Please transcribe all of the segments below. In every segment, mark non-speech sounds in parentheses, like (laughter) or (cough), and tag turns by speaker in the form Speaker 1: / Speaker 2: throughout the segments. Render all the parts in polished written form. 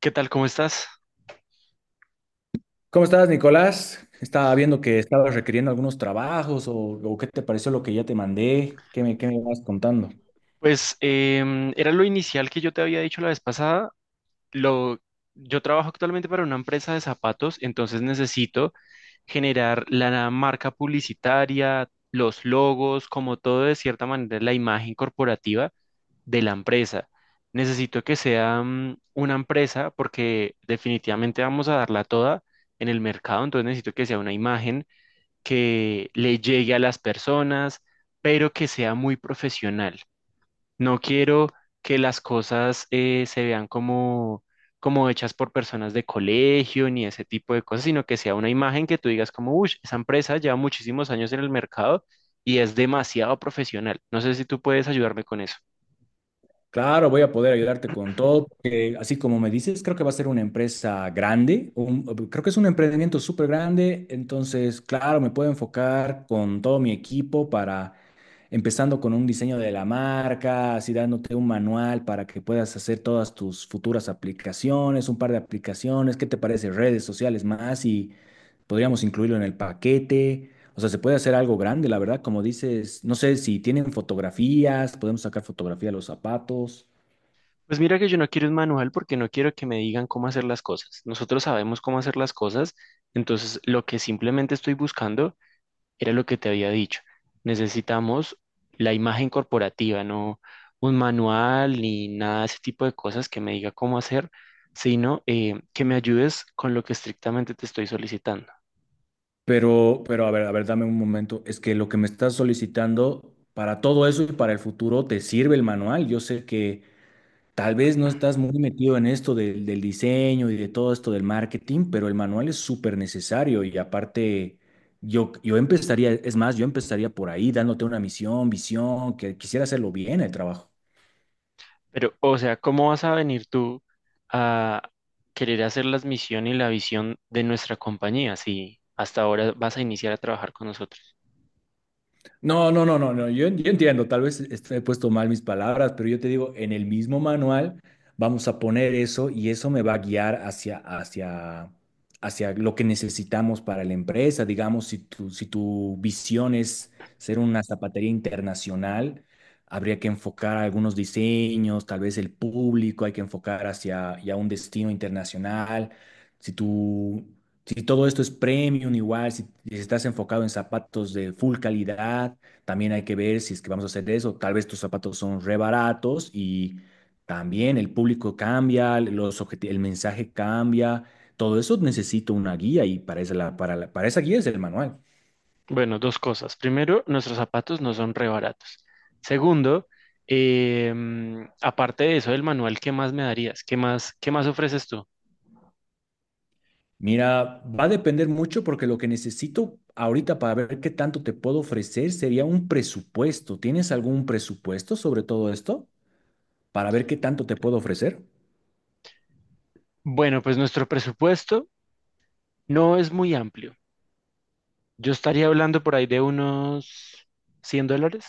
Speaker 1: ¿Qué tal? ¿Cómo estás?
Speaker 2: ¿Cómo estás, Nicolás? Estaba viendo que estabas requiriendo algunos trabajos o qué te pareció lo que ya te mandé, qué me vas contando.
Speaker 1: Pues era lo inicial que yo te había dicho la vez pasada. Lo, yo trabajo actualmente para una empresa de zapatos, entonces necesito generar la marca publicitaria, los logos, como todo de cierta manera, la imagen corporativa de la empresa. Necesito que sea una empresa porque definitivamente vamos a darla toda en el mercado, entonces necesito que sea una imagen que le llegue a las personas, pero que sea muy profesional. No quiero que las cosas se vean como hechas por personas de colegio ni ese tipo de cosas, sino que sea una imagen que tú digas como, uy, esa empresa lleva muchísimos años en el mercado y es demasiado profesional. No sé si tú puedes ayudarme con eso.
Speaker 2: Claro, voy a poder ayudarte con todo, porque así como me dices, creo que va a ser una empresa grande, creo que es un emprendimiento súper grande, entonces, claro, me puedo enfocar con todo mi equipo para, empezando con un diseño de la marca, así dándote un manual para que puedas hacer todas tus futuras aplicaciones, un par de aplicaciones, ¿qué te parece? Redes sociales más. Podríamos incluirlo en el paquete. O sea, se puede hacer algo grande, la verdad. Como dices, no sé si tienen fotografías, podemos sacar fotografía de los zapatos.
Speaker 1: Pues mira que yo no quiero un manual porque no quiero que me digan cómo hacer las cosas. Nosotros sabemos cómo hacer las cosas, entonces lo que simplemente estoy buscando era lo que te había dicho. Necesitamos la imagen corporativa, no un manual ni nada de ese tipo de cosas que me diga cómo hacer, sino que me ayudes con lo que estrictamente te estoy solicitando.
Speaker 2: Pero a ver, dame un momento. Es que lo que me estás solicitando para todo eso y para el futuro te sirve el manual. Yo sé que tal vez no estás muy metido en esto del diseño y de todo esto del marketing, pero el manual es súper necesario y aparte yo empezaría, es más, yo empezaría por ahí dándote una misión, visión, que quisiera hacerlo bien el trabajo.
Speaker 1: Pero, o sea, ¿cómo vas a venir tú a querer hacer las misiones y la visión de nuestra compañía si hasta ahora vas a iniciar a trabajar con nosotros?
Speaker 2: No, no, no, no, no. Yo entiendo, tal vez he puesto mal mis palabras, pero yo te digo, en el mismo manual vamos a poner eso y eso me va a guiar hacia lo que necesitamos para la empresa. Digamos, si tu visión es ser una zapatería internacional, habría que enfocar algunos diseños, tal vez el público, hay que enfocar hacia ya un destino internacional. Si tú si todo esto es premium, igual, si estás enfocado en zapatos de full calidad, también hay que ver si es que vamos a hacer eso. Tal vez tus zapatos son re baratos y también el público cambia, el mensaje cambia. Todo eso necesito una guía y para esa, la- para esa guía es el manual.
Speaker 1: Bueno, dos cosas. Primero, nuestros zapatos no son re baratos. Segundo, aparte de eso del manual, ¿qué más me darías? Qué más ofreces tú?
Speaker 2: Mira, va a depender mucho porque lo que necesito ahorita para ver qué tanto te puedo ofrecer sería un presupuesto. ¿Tienes algún presupuesto sobre todo esto para ver qué tanto te puedo ofrecer?
Speaker 1: Bueno, pues nuestro presupuesto no es muy amplio. Yo estaría hablando por ahí de unos $100.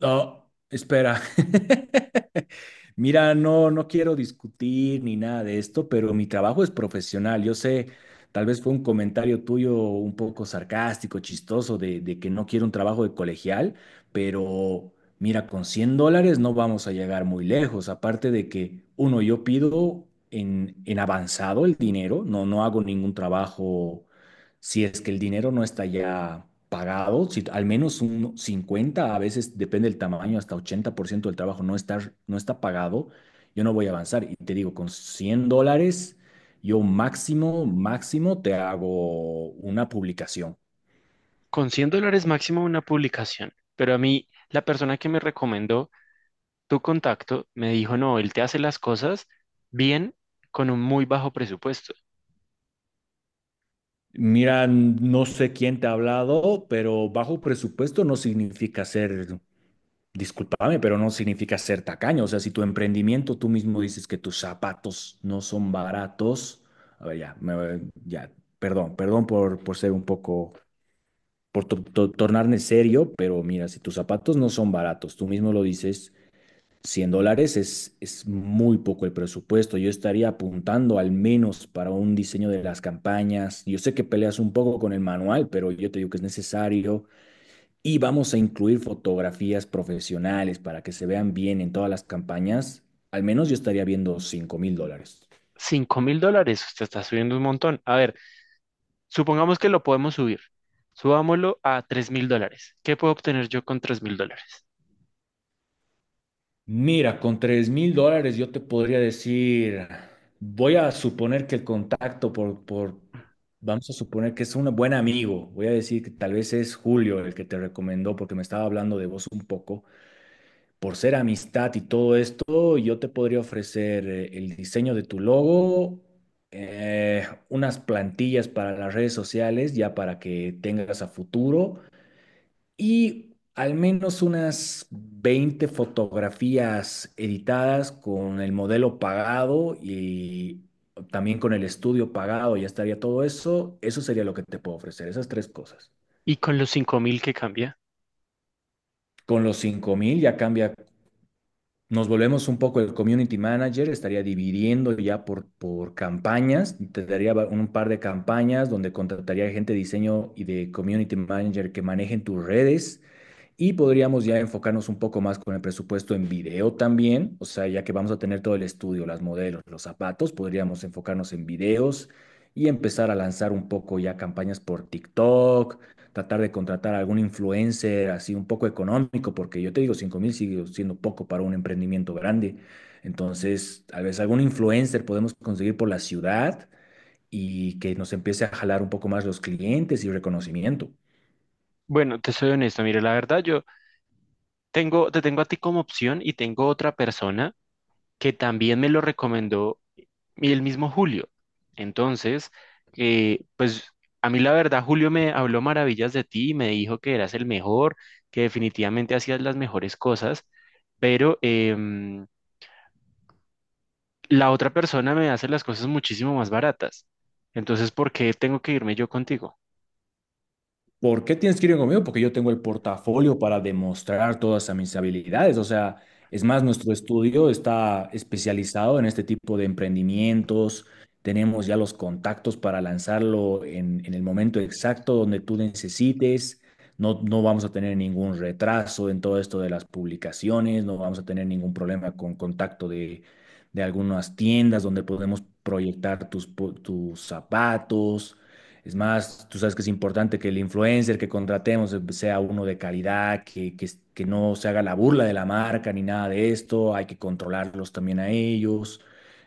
Speaker 2: No, espera. (laughs) Mira, no quiero discutir ni nada de esto, pero mi trabajo es profesional. Yo sé, tal vez fue un comentario tuyo un poco sarcástico, chistoso, de que no quiero un trabajo de colegial, pero mira, con $100 no vamos a llegar muy lejos. Aparte de que, uno, yo pido en avanzado el dinero, no hago ningún trabajo si es que el dinero no está ya pagado, si al menos un 50 a veces depende del tamaño, hasta 80% del trabajo no está pagado, yo no voy a avanzar. Y te digo, con $100, yo máximo, máximo te hago una publicación.
Speaker 1: Con $100 máximo una publicación. Pero a mí, la persona que me recomendó tu contacto me dijo, no, él te hace las cosas bien con un muy bajo presupuesto.
Speaker 2: Mira, no sé quién te ha hablado, pero bajo presupuesto no significa ser. Discúlpame, pero no significa ser tacaño. O sea, si tu emprendimiento, tú mismo dices que tus zapatos no son baratos. A ver, ya, ya, perdón, perdón por ser un poco, por tornarme serio, pero mira, si tus zapatos no son baratos, tú mismo lo dices, $100 es muy poco el presupuesto. Yo estaría apuntando al menos para un diseño de las campañas. Yo sé que peleas un poco con el manual, pero yo te digo que es necesario. Y vamos a incluir fotografías profesionales para que se vean bien en todas las campañas. Al menos yo estaría viendo $5,000.
Speaker 1: $5.000, usted está subiendo un montón. A ver, supongamos que lo podemos subir. Subámoslo a $3.000. ¿Qué puedo obtener yo con $3.000?
Speaker 2: Mira, con $3,000 yo te podría decir, voy a suponer que el contacto vamos a suponer que es un buen amigo. Voy a decir que tal vez es Julio el que te recomendó porque me estaba hablando de vos un poco. Por ser amistad y todo esto, yo te podría ofrecer el diseño de tu logo, unas plantillas para las redes sociales, ya para que tengas a futuro, y al menos unas 20 fotografías editadas con el modelo pagado y también con el estudio pagado, ya estaría todo eso. Eso sería lo que te puedo ofrecer, esas tres cosas.
Speaker 1: ¿Y con los 5.000 que cambia?
Speaker 2: Con los 5,000 ya cambia. Nos volvemos un poco el community manager, estaría dividiendo ya por campañas, te daría un par de campañas donde contrataría gente de diseño y de community manager que manejen tus redes y podríamos ya enfocarnos un poco más con el presupuesto en video también, o sea, ya que vamos a tener todo el estudio, las modelos, los zapatos, podríamos enfocarnos en videos y empezar a lanzar un poco ya campañas por TikTok, tratar de contratar a algún influencer así un poco económico, porque yo te digo, 5,000 sigue siendo poco para un emprendimiento grande. Entonces, a veces algún influencer podemos conseguir por la ciudad y que nos empiece a jalar un poco más los clientes y reconocimiento.
Speaker 1: Bueno, te soy honesto, mire, la verdad yo tengo, te tengo a ti como opción y tengo otra persona que también me lo recomendó y el mismo Julio. Entonces, pues a mí la verdad Julio me habló maravillas de ti, y me dijo que eras el mejor, que definitivamente hacías las mejores cosas, pero la otra persona me hace las cosas muchísimo más baratas. Entonces, ¿por qué tengo que irme yo contigo?
Speaker 2: ¿Por qué tienes que ir conmigo? Porque yo tengo el portafolio para demostrar todas mis habilidades. O sea, es más, nuestro estudio está especializado en este tipo de emprendimientos. Tenemos ya los contactos para lanzarlo en el momento exacto donde tú necesites. No vamos a tener ningún retraso en todo esto de las publicaciones. No vamos a tener ningún problema con contacto de algunas tiendas donde podemos proyectar tus, tus zapatos. Es más, tú sabes que es importante que el influencer que contratemos sea uno de calidad, que no se haga la burla de la marca ni nada de esto, hay que controlarlos también a ellos.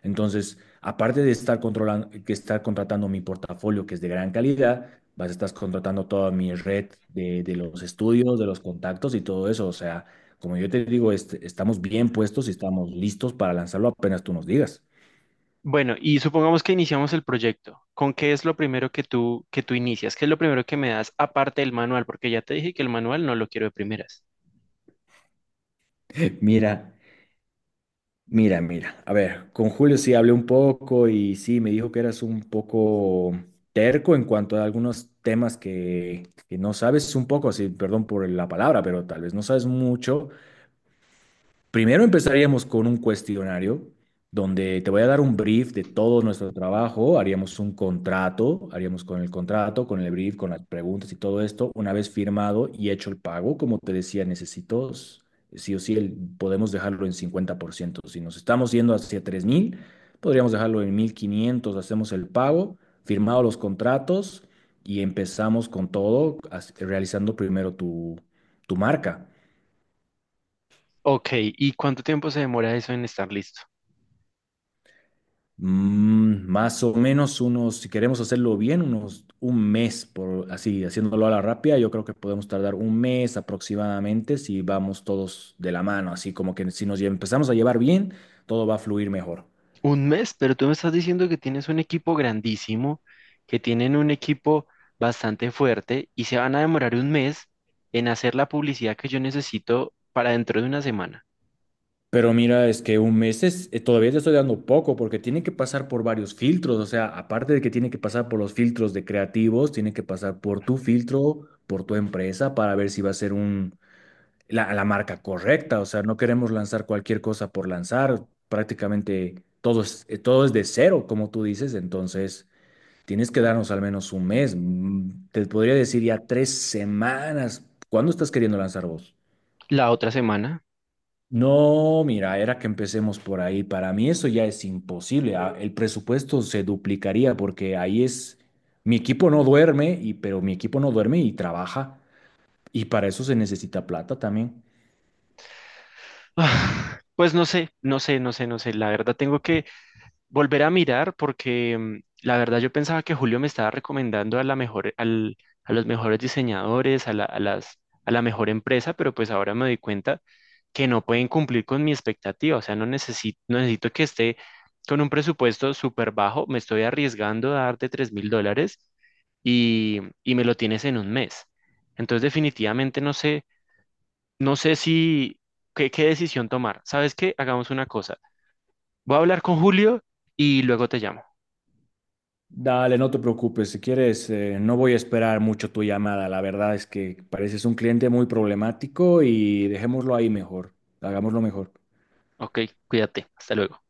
Speaker 2: Entonces, aparte de estar controlando, que estar contratando mi portafolio, que es de gran calidad, vas a estar contratando toda mi red de los estudios, de los contactos y todo eso. O sea, como yo te digo, estamos bien puestos y estamos listos para lanzarlo apenas tú nos digas.
Speaker 1: Bueno, y supongamos que iniciamos el proyecto. ¿Con qué es lo primero que tú inicias? ¿Qué es lo primero que me das aparte del manual? Porque ya te dije que el manual no lo quiero de primeras.
Speaker 2: (laughs) Mira. Mira, mira, a ver, con Julio sí hablé un poco y sí, me dijo que eras un poco terco en cuanto a algunos temas que no sabes un poco, sí, perdón por la palabra, pero tal vez no sabes mucho. Primero empezaríamos con un cuestionario donde te voy a dar un brief de todo nuestro trabajo, haríamos un contrato, haríamos con el contrato, con el brief, con las preguntas y todo esto. Una vez firmado y hecho el pago, como te decía, necesito sí o sí, podemos dejarlo en 50%. Si nos estamos yendo hacia 3,000, podríamos dejarlo en 1,500. Hacemos el pago, firmado los contratos y empezamos con todo, realizando primero tu marca.
Speaker 1: Ok, ¿y cuánto tiempo se demora eso en estar listo?
Speaker 2: Más o menos unos, si queremos hacerlo bien, unos un mes, por así, haciéndolo a la rápida, yo creo que podemos tardar un mes aproximadamente si vamos todos de la mano, así como que si empezamos a llevar bien, todo va a fluir mejor.
Speaker 1: Un mes, pero tú me estás diciendo que tienes un equipo grandísimo, que tienen un equipo bastante fuerte y se van a demorar un mes en hacer la publicidad que yo necesito para dentro de una semana.
Speaker 2: Pero mira, es que un mes es, todavía te estoy dando poco porque tiene que pasar por varios filtros, o sea, aparte de que tiene que pasar por los filtros de creativos, tiene que pasar por tu filtro, por tu empresa, para ver si va a ser la marca correcta, o sea, no queremos lanzar cualquier cosa por lanzar, prácticamente todo es de cero, como tú dices, entonces tienes que darnos al menos un mes, te podría decir ya 3 semanas, ¿cuándo estás queriendo lanzar vos?
Speaker 1: La otra semana.
Speaker 2: No, mira, era que empecemos por ahí, para mí eso ya es imposible, ah, el presupuesto se duplicaría porque ahí es, mi equipo no duerme, y, pero mi equipo no duerme y trabaja, y para eso se necesita plata también.
Speaker 1: (sighs) Pues no sé, no sé, no sé, no sé. La verdad tengo que volver a mirar porque la verdad yo pensaba que Julio me estaba recomendando a la mejor, a los mejores diseñadores, a la mejor empresa, pero pues ahora me doy cuenta que no pueden cumplir con mi expectativa, o sea, no necesito, no necesito que esté con un presupuesto súper bajo, me estoy arriesgando a darte $3.000 y me lo tienes en un mes. Entonces definitivamente no sé, no sé si, qué decisión tomar. ¿Sabes qué? Hagamos una cosa. Voy a hablar con Julio y luego te llamo.
Speaker 2: Dale, no te preocupes. Si quieres, no voy a esperar mucho tu llamada. La verdad es que pareces un cliente muy problemático y dejémoslo ahí mejor. Hagámoslo mejor.
Speaker 1: Ok, cuídate. Hasta luego.